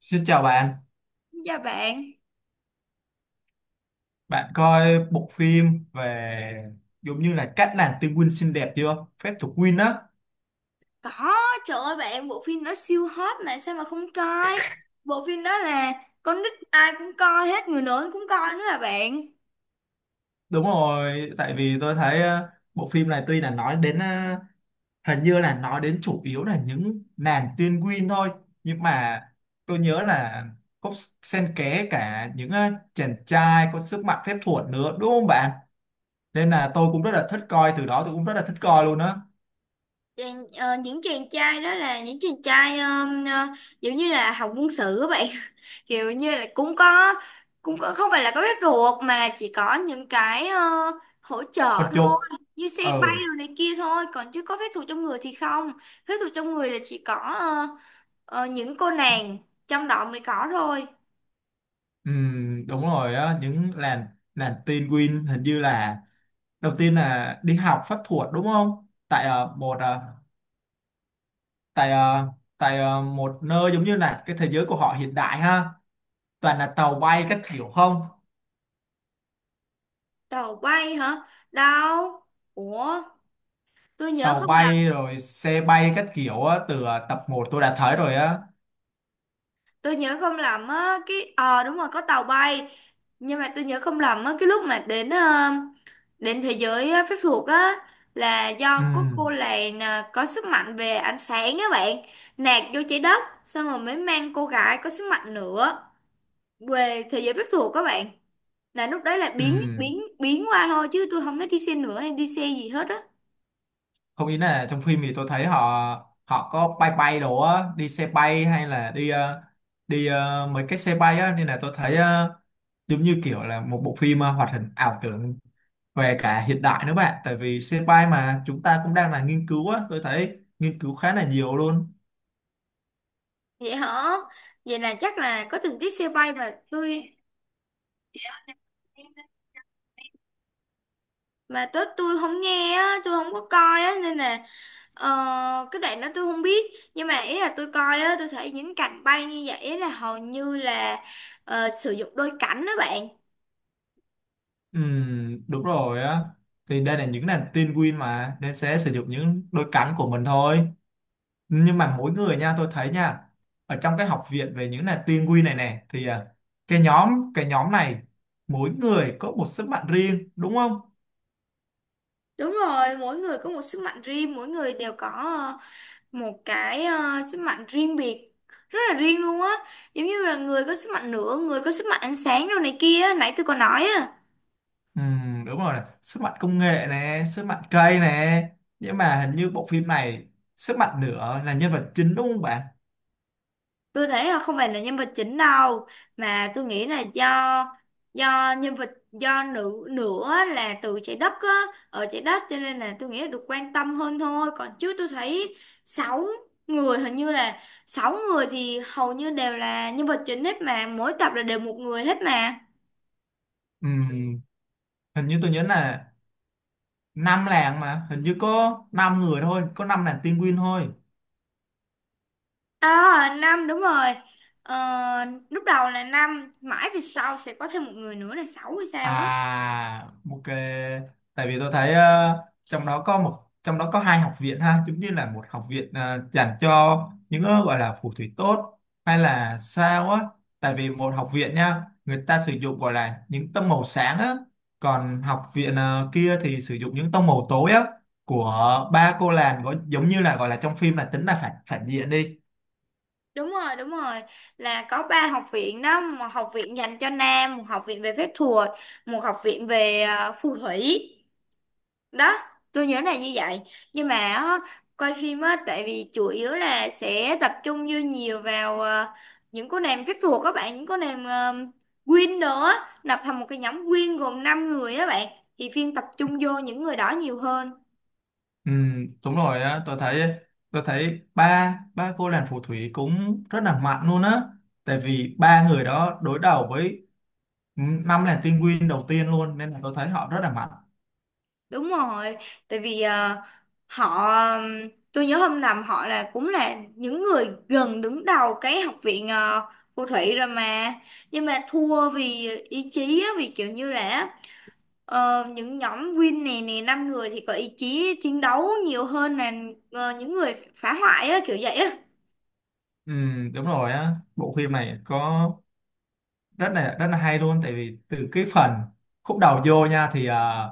Xin chào bạn, Dạ bạn, bạn coi bộ phim về giống như là cách làm tinh Win xinh đẹp chưa? Phép thuật Win á. có, trời ơi bạn, bộ phim đó siêu hot mà sao mà không coi. Bộ phim đó là con nít ai cũng coi hết, người lớn cũng coi nữa là bạn. Đúng rồi, tại vì tôi thấy bộ phim này tuy là nói đến hình như là nói đến chủ yếu là những nàng tiên Win thôi, nhưng mà tôi nhớ là có xen kẽ cả những chàng trai có sức mạnh phép thuật nữa, đúng không bạn? Nên là tôi cũng rất là thích coi, từ đó tôi cũng rất là thích coi luôn á. Những chàng trai đó là những chàng trai giống như là học quân sự các bạn. Kiểu như là cũng có, không phải là có bếp ruột mà là chỉ có những cái hỗ trợ Vật thôi, dục. như xe Ừ. bay rồi này kia thôi, còn chứ có phép thuật trong người thì không. Phép thuật trong người là chỉ có những cô nàng trong đó mới có thôi. Ừ, đúng rồi á, những làn làn tin Win hình như là đầu tiên là đi học pháp thuật đúng không, tại ờ, một ờ, tại ờ, tại ờ, một nơi giống như là cái thế giới của họ hiện đại ha, toàn là tàu bay các kiểu, không Tàu bay hả? Đâu. Ủa, tôi nhớ tàu không, bay rồi xe bay các kiểu á, từ tập một tôi đã thấy rồi á. tôi nhớ không lầm á, cái đúng rồi, có tàu bay. Nhưng mà tôi nhớ không lầm á, cái lúc mà đến đến thế giới phép thuật á là Ừ, do có cô làng à, có sức mạnh về ánh sáng á bạn, nạt vô trái đất xong rồi mới mang cô gái có sức mạnh nữa về thế giới phép thuật các bạn. Là lúc đấy là biến ừ. biến biến qua thôi chứ tôi không thấy đi xe nữa hay đi xe gì hết á. Không, ý là trong phim thì tôi thấy họ họ có bay bay đồ á, đi xe bay hay là đi mấy cái xe bay á, nên là tôi thấy giống như kiểu là một bộ phim hoạt hình ảo tưởng về cả hiện đại nữa bạn, tại vì xe bay mà chúng ta cũng đang là nghiên cứu á, tôi thấy nghiên cứu khá là nhiều luôn. Vậy hả? Vậy là chắc là có tình tiết xe bay mà tôi, mà tớ tôi không nghe á, tôi không có coi á nên là, Ờ, cái đoạn đó tôi không biết, nhưng mà ý là tôi coi á, tôi thấy những cành bay như vậy là hầu như là sử dụng đôi cánh đó bạn. Đúng rồi á, thì đây là những nàng tin Win mà nên sẽ sử dụng những đôi cánh của mình thôi, nhưng mà mỗi người nha, tôi thấy nha, ở trong cái học viện về những là tiên quy này nè thì à, cái nhóm này mỗi người có một sức mạnh riêng đúng không? Đúng rồi, mỗi người có một sức mạnh riêng, mỗi người đều có một cái sức mạnh riêng biệt, rất là riêng luôn á, giống như là người có sức mạnh lửa, người có sức mạnh ánh sáng đồ này kia á, nãy tôi có nói á. Đúng rồi nè. Sức mạnh công nghệ nè, sức mạnh cây nè, nhưng mà hình như bộ phim này sức mạnh nữa là nhân vật chính đúng không bạn? Tôi thấy là không phải là nhân vật chính đâu, mà tôi nghĩ là do nhân vật, do nữ nữa là từ trái đất á, ở trái đất cho nên là tôi nghĩ là được quan tâm hơn thôi, còn chứ tôi thấy sáu người, hình như là sáu người thì hầu như đều là nhân vật chính hết mà, mỗi tập là đều một người hết mà. Ừm, hình như tôi nhớ là năm làng, mà hình như có năm người thôi, có năm làng tiên quy thôi. À, năm, đúng rồi, ờ, lúc đầu là năm, mãi về sau sẽ có thêm một người nữa là sáu hay sao á. À, ok. Tại vì tôi thấy trong đó có hai học viện ha, giống như là một học viện dành cho những gọi là phù thủy tốt hay là sao á. Tại vì một học viện nha, người ta sử dụng gọi là những tông màu sáng á, còn học viện kia thì sử dụng những tông màu tối á, của ba cô làng gọi- giống như là gọi là trong phim là tính là phản phản diện đi. Đúng rồi, đúng rồi. Là có ba học viện đó, một học viện dành cho nam, một học viện về phép thuật, một học viện về phù thủy. Đó, tôi nhớ là như vậy. Nhưng mà á, coi phim á tại vì chủ yếu là sẽ tập trung vô nhiều vào những cô nàng phép thuật các bạn, những cô nàng Queen nữa, lập thành một cái nhóm Queen gồm 5 người đó bạn. Thì phim tập trung vô những người đó nhiều hơn. Ừ, đúng rồi á, tôi thấy ba ba cô nàng phù thủy cũng rất là mạnh luôn á. Tại vì ba người đó đối đầu với năm nàng tiên nguyên đầu tiên luôn, nên là tôi thấy họ rất là mạnh. Đúng rồi, tại vì họ tôi nhớ hôm nằm họ là cũng là những người gần đứng đầu cái học viện phù thủy rồi mà, nhưng mà thua vì ý chí á, vì kiểu như là những nhóm Win này nè năm người thì có ý chí chiến đấu nhiều hơn là những người phá hoại á, kiểu vậy á. Ừ, đúng rồi á, bộ phim này có rất là hay luôn, tại vì từ cái phần khúc đầu vô nha thì à,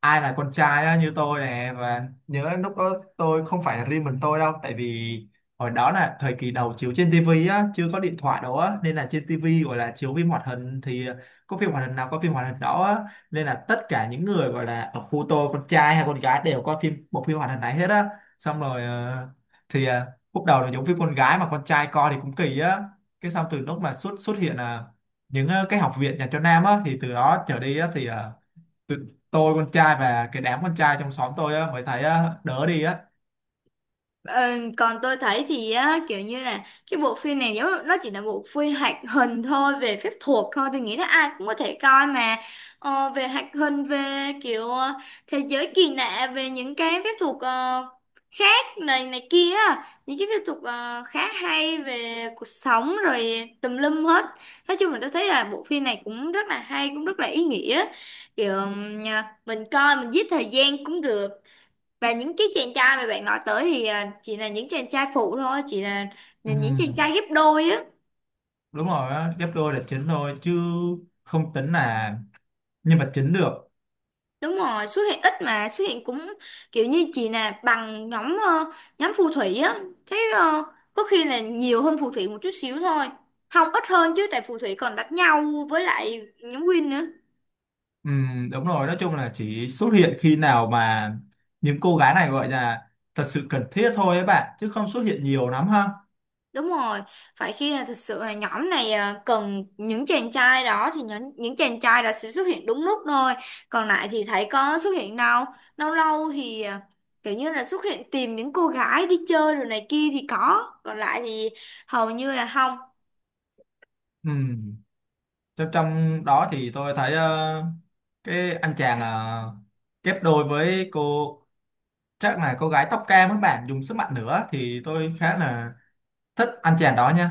ai là con trai á, như tôi nè, và nhớ lúc đó tôi không phải là riêng mình tôi đâu, tại vì hồi đó là thời kỳ đầu chiếu trên tivi á, chưa có điện thoại đâu á, nên là trên tivi gọi là chiếu phim hoạt hình thì có phim hoạt hình nào có phim hoạt hình đó á, nên là tất cả những người gọi là ở khu tôi con trai hay con gái đều có phim bộ phim hoạt hình này hết á. Xong rồi thì ờ, lúc đầu là giống phim con gái mà con trai coi thì cũng kỳ á, cái xong từ lúc mà xuất xuất hiện là những cái học viện dành cho nam á, thì từ đó trở đi á thì tụi tôi con trai và cái đám con trai trong xóm tôi á mới thấy á, đỡ đi á. Ờ, còn tôi thấy thì á, kiểu như là cái bộ phim này nếu nó chỉ là bộ phim hoạt hình thôi về phép thuật thôi, tôi nghĩ là ai cũng có thể coi mà, về hoạt hình, về kiểu thế giới kỳ lạ về những cái phép thuật khác này này kia á, những cái phép thuật khá hay về cuộc sống rồi tùm lum hết. Nói chung là tôi thấy là bộ phim này cũng rất là hay, cũng rất là ý nghĩa, kiểu mình coi mình giết thời gian cũng được. Và những cái chàng trai mà bạn nói tới thì à, chỉ là những chàng trai phụ thôi, chỉ là, những chàng trai Ừm, ghép đôi á. đúng rồi á, ghép đôi là chính thôi chứ không tính là nhân vật chính được. Đúng rồi, xuất hiện ít mà xuất hiện cũng kiểu như chỉ là bằng nhóm nhóm phù thủy á, thế có khi là nhiều hơn phù thủy một chút xíu thôi, không ít hơn chứ, tại phù thủy còn đánh nhau với lại nhóm Win nữa. Đúng rồi, nói chung là chỉ xuất hiện khi nào mà những cô gái này gọi là thật sự cần thiết thôi ấy bạn, chứ không xuất hiện nhiều lắm ha. Đúng rồi, phải khi là thực sự là nhóm này à, cần những chàng trai đó thì những chàng trai đó sẽ xuất hiện đúng lúc thôi. Còn lại thì thấy có xuất hiện đâu. Lâu lâu thì à, kiểu như là xuất hiện tìm những cô gái đi chơi rồi này kia thì có. Còn lại thì hầu như là không. Ừm, trong trong đó thì tôi thấy cái anh chàng ghép đôi với cô, chắc là cô gái tóc cam các bạn dùng sức mạnh nữa, thì tôi khá là thích anh chàng đó nha.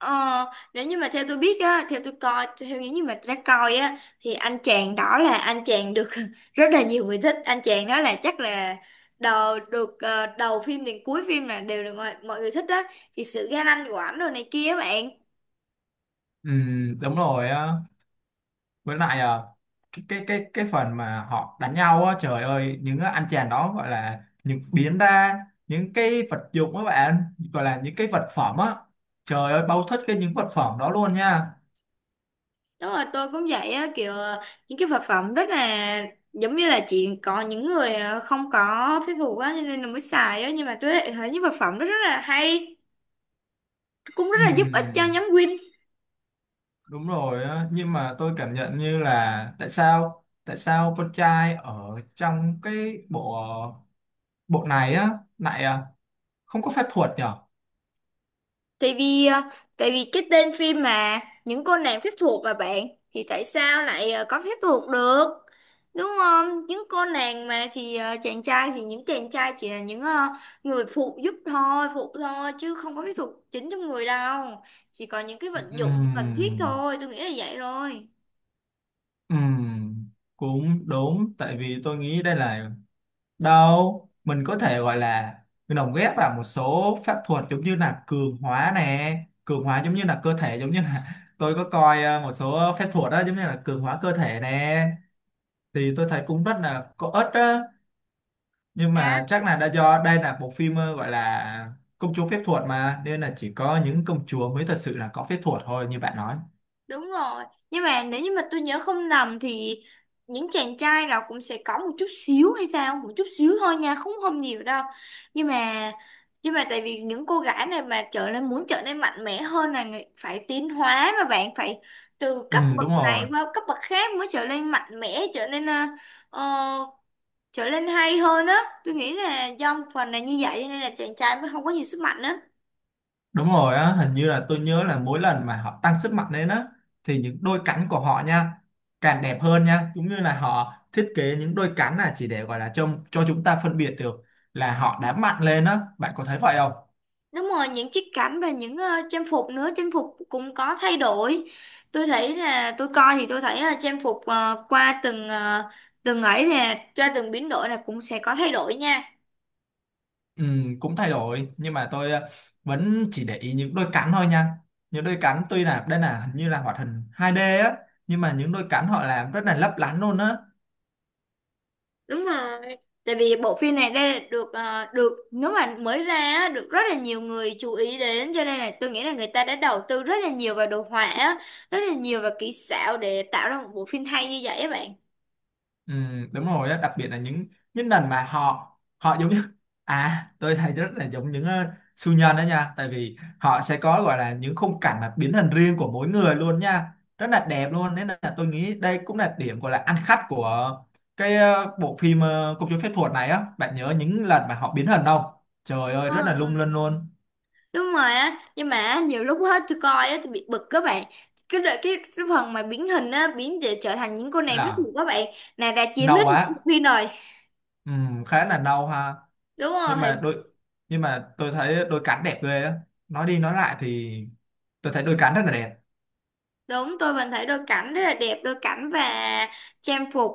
Ờ, nếu như mà theo tôi biết á, theo tôi coi, theo những gì mà tôi đã coi á, thì anh chàng đó là anh chàng được rất là nhiều người thích. Anh chàng đó là chắc là đầu được đầu phim đến cuối phim là đều được mọi người thích á, thì sự ga lăng của ảnh rồi này kia á bạn. Ừ, đúng rồi á, với lại à, cái phần mà họ đánh nhau á, trời ơi, những cái anh chàng đó gọi là những biến ra những cái vật dụng các bạn, gọi là những cái vật phẩm á, trời ơi, bao thích cái những vật phẩm đó luôn nha. Đúng rồi, tôi cũng vậy á, kiểu những cái vật phẩm rất là giống như là chỉ có những người không có phép thuật á, cho nên là mới xài á. Nhưng mà tôi lại thấy những vật phẩm đó rất là hay, cũng rất là giúp ích cho Ừ, nhóm Win. đúng rồi á, nhưng mà tôi cảm nhận như là, tại sao con trai ở trong cái bộ bộ này á lại à, không có phép thuật nhở? Tại vì ờ, tại vì cái tên phim mà những cô nàng phép thuật mà bạn, thì tại sao lại có phép thuật được? Đúng không? Những cô nàng mà thì chàng trai, thì những chàng trai chỉ là những người phụ giúp thôi, phụ thôi chứ không có phép thuật chính trong người đâu. Chỉ có những cái Ừ, vận ừ. dụng cần thiết thôi, tôi nghĩ là vậy rồi. Ừm, cũng đúng, tại vì tôi nghĩ đây là, đâu mình có thể gọi là mình lồng ghép vào một số pháp thuật, giống như là cường hóa nè, cường hóa giống như là cơ thể, giống như là tôi có coi một số phép thuật đó giống như là cường hóa cơ thể nè, thì tôi thấy cũng rất là có ích đó, nhưng À, mà chắc là đã do đây là bộ phim gọi là công chúa phép thuật mà, nên là chỉ có những công chúa mới thật sự là có phép thuật thôi như bạn nói. đúng rồi. Nhưng mà nếu như mà tôi nhớ không nhầm thì những chàng trai nào cũng sẽ có một chút xíu hay sao, một chút xíu thôi nha, không không nhiều đâu. Nhưng mà nhưng mà tại vì những cô gái này mà trở nên muốn trở nên mạnh mẽ hơn là phải tiến hóa mà bạn, phải từ Ừ, cấp bậc đúng này rồi. qua cấp bậc khác mới trở nên mạnh mẽ, trở nên ờ, trở nên hay hơn á. Tôi nghĩ là do một phần là như vậy cho nên là chàng trai mới không có nhiều sức mạnh á. Đúng rồi á, hình như là tôi nhớ là mỗi lần mà họ tăng sức mạnh lên á, thì những đôi cánh của họ nha càng đẹp hơn nha, cũng như là họ thiết kế những đôi cánh là chỉ để gọi là cho chúng ta phân biệt được là họ đã mạnh lên á, bạn có thấy vậy không? Đúng rồi, những chiếc cảnh và những trang phục nữa, trang phục cũng có thay đổi. Tôi thấy là tôi coi thì tôi thấy là trang phục qua từng từng ấy nè, qua từng biến đổi là cũng sẽ có thay đổi nha. Ừ, cũng thay đổi nhưng mà tôi vẫn chỉ để ý những đôi cánh thôi nha. Những đôi cánh tuy là đây là hình như là hoạt hình 2D á, nhưng mà những đôi cánh họ làm rất là lấp lánh luôn á. Đúng rồi. Tại vì bộ phim này đây được nếu mà mới ra á, được rất là nhiều người chú ý đến, cho nên là tôi nghĩ là người ta đã đầu tư rất là nhiều vào đồ họa á, rất là nhiều vào kỹ xảo để tạo ra một bộ phim hay như vậy á bạn. Ừ, đúng rồi đó, đặc biệt là những lần mà họ họ giống như à, tôi thấy rất là giống những siêu nhân đó nha, tại vì họ sẽ có gọi là những khung cảnh mà biến hình riêng của mỗi người luôn nha, rất là đẹp luôn, nên là tôi nghĩ đây cũng là điểm gọi là ăn khách của cái bộ phim công chúa phép thuật này á. Bạn nhớ những lần mà họ biến hình không, trời ơi Ờ, rất là lung linh luôn, đúng rồi á, nhưng mà nhiều lúc hết tôi coi á, tôi bị bực các bạn, cái đợi cái, phần mà biến hình á, biến để trở thành những cô nàng rất là nhiều các bạn, nàng đã chiếm nâu hết nửa bộ á. phim rồi. Ừ, khá là nâu ha, Đúng nhưng mà rồi, đôi, nhưng mà tôi thấy đôi cánh đẹp ghê á, nói đi nói lại thì tôi thấy đôi cánh rất là đẹp. đúng tôi vẫn thấy đôi cảnh rất là đẹp, đôi cảnh và trang phục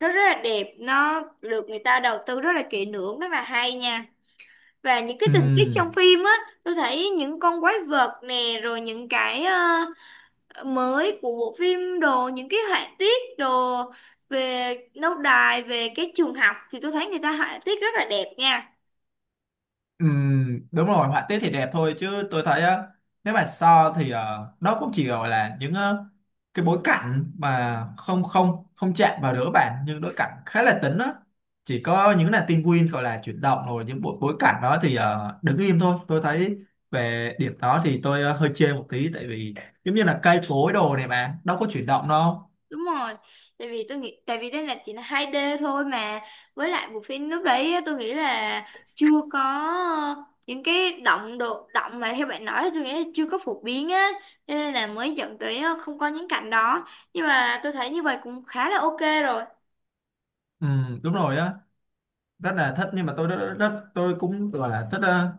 nó rất là đẹp, nó được người ta đầu tư rất là kỹ lưỡng, rất là hay nha. Và những cái tình tiết Ừ, trong phim á, tôi thấy những con quái vật nè, rồi những cái mới của bộ phim đồ, những cái họa tiết đồ về lâu đài, về cái trường học thì tôi thấy người ta họa tiết rất là đẹp nha. ừ, đúng rồi, họa tiết thì đẹp thôi, chứ tôi thấy á, nếu mà so thì đó cũng chỉ gọi là những cái bối cảnh mà không không không chạm vào đứa bạn, nhưng đối cảnh khá là tĩnh á, chỉ có những là tin win gọi là chuyển động, rồi những bộ bối cảnh đó thì đứng im thôi. Tôi thấy về điểm đó thì tôi hơi chê một tí, tại vì giống như là cây cối đồ này bạn đâu có chuyển động đâu. Đúng rồi, tại vì tôi nghĩ tại vì đây là chỉ là 2D thôi mà, với lại bộ phim lúc đấy á, tôi nghĩ là chưa có những cái động độ động mà theo bạn nói, thì tôi nghĩ là chưa có phổ biến á, cho nên là mới dẫn tới không có những cảnh đó. Nhưng mà tôi thấy như vậy cũng khá là ok rồi. Ừ, đúng rồi á, rất là thích, nhưng mà tôi rất, rất tôi cũng gọi là thích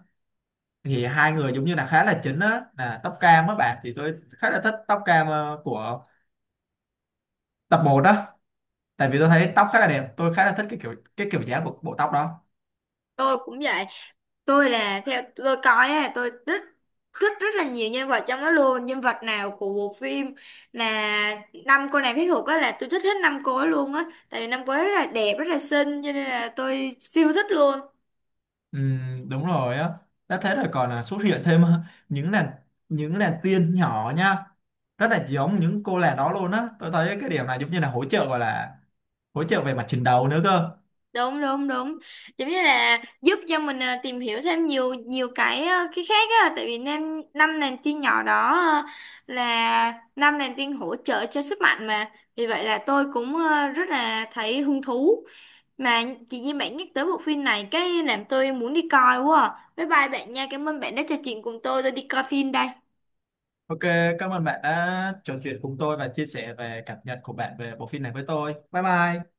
thì hai người giống như là khá là chính á là tóc cam á bạn, thì tôi khá là thích tóc cam của tập một đó, tại vì tôi thấy tóc khá là đẹp, tôi khá là thích cái kiểu dáng của bộ tóc đó. Tôi cũng vậy, tôi là theo tôi coi á, tôi rất rất rất là nhiều nhân vật trong đó luôn, nhân vật nào của bộ phim là năm cô nàng phép thuật á là tôi thích hết năm cô ấy luôn á, tại vì năm cô ấy rất là đẹp, rất là xinh, cho nên là tôi siêu thích luôn. Ừ, đúng rồi á, đã thế rồi còn là xuất hiện thêm những làn những làn tiên nhỏ nha, rất là giống những cô làng đó luôn á, tôi thấy cái điểm này giống như là hỗ trợ về mặt chiến đấu nữa cơ. Đúng đúng đúng, giống như là giúp cho mình à, tìm hiểu thêm nhiều nhiều cái à, cái khác á, tại vì năm năm nàng tiên nhỏ đó à, là năm nàng tiên hỗ trợ cho sức mạnh mà, vì vậy là tôi cũng à, rất là thấy hứng thú. Mà chị Nhi bạn nhắc tới bộ phim này cái làm tôi muốn đi coi quá à. Bye bye bạn nha, cảm ơn bạn đã trò chuyện cùng tôi đi coi phim đây. Ok, cảm ơn bạn đã trò chuyện cùng tôi và chia sẻ về cảm nhận của bạn về bộ phim này với tôi. Bye bye.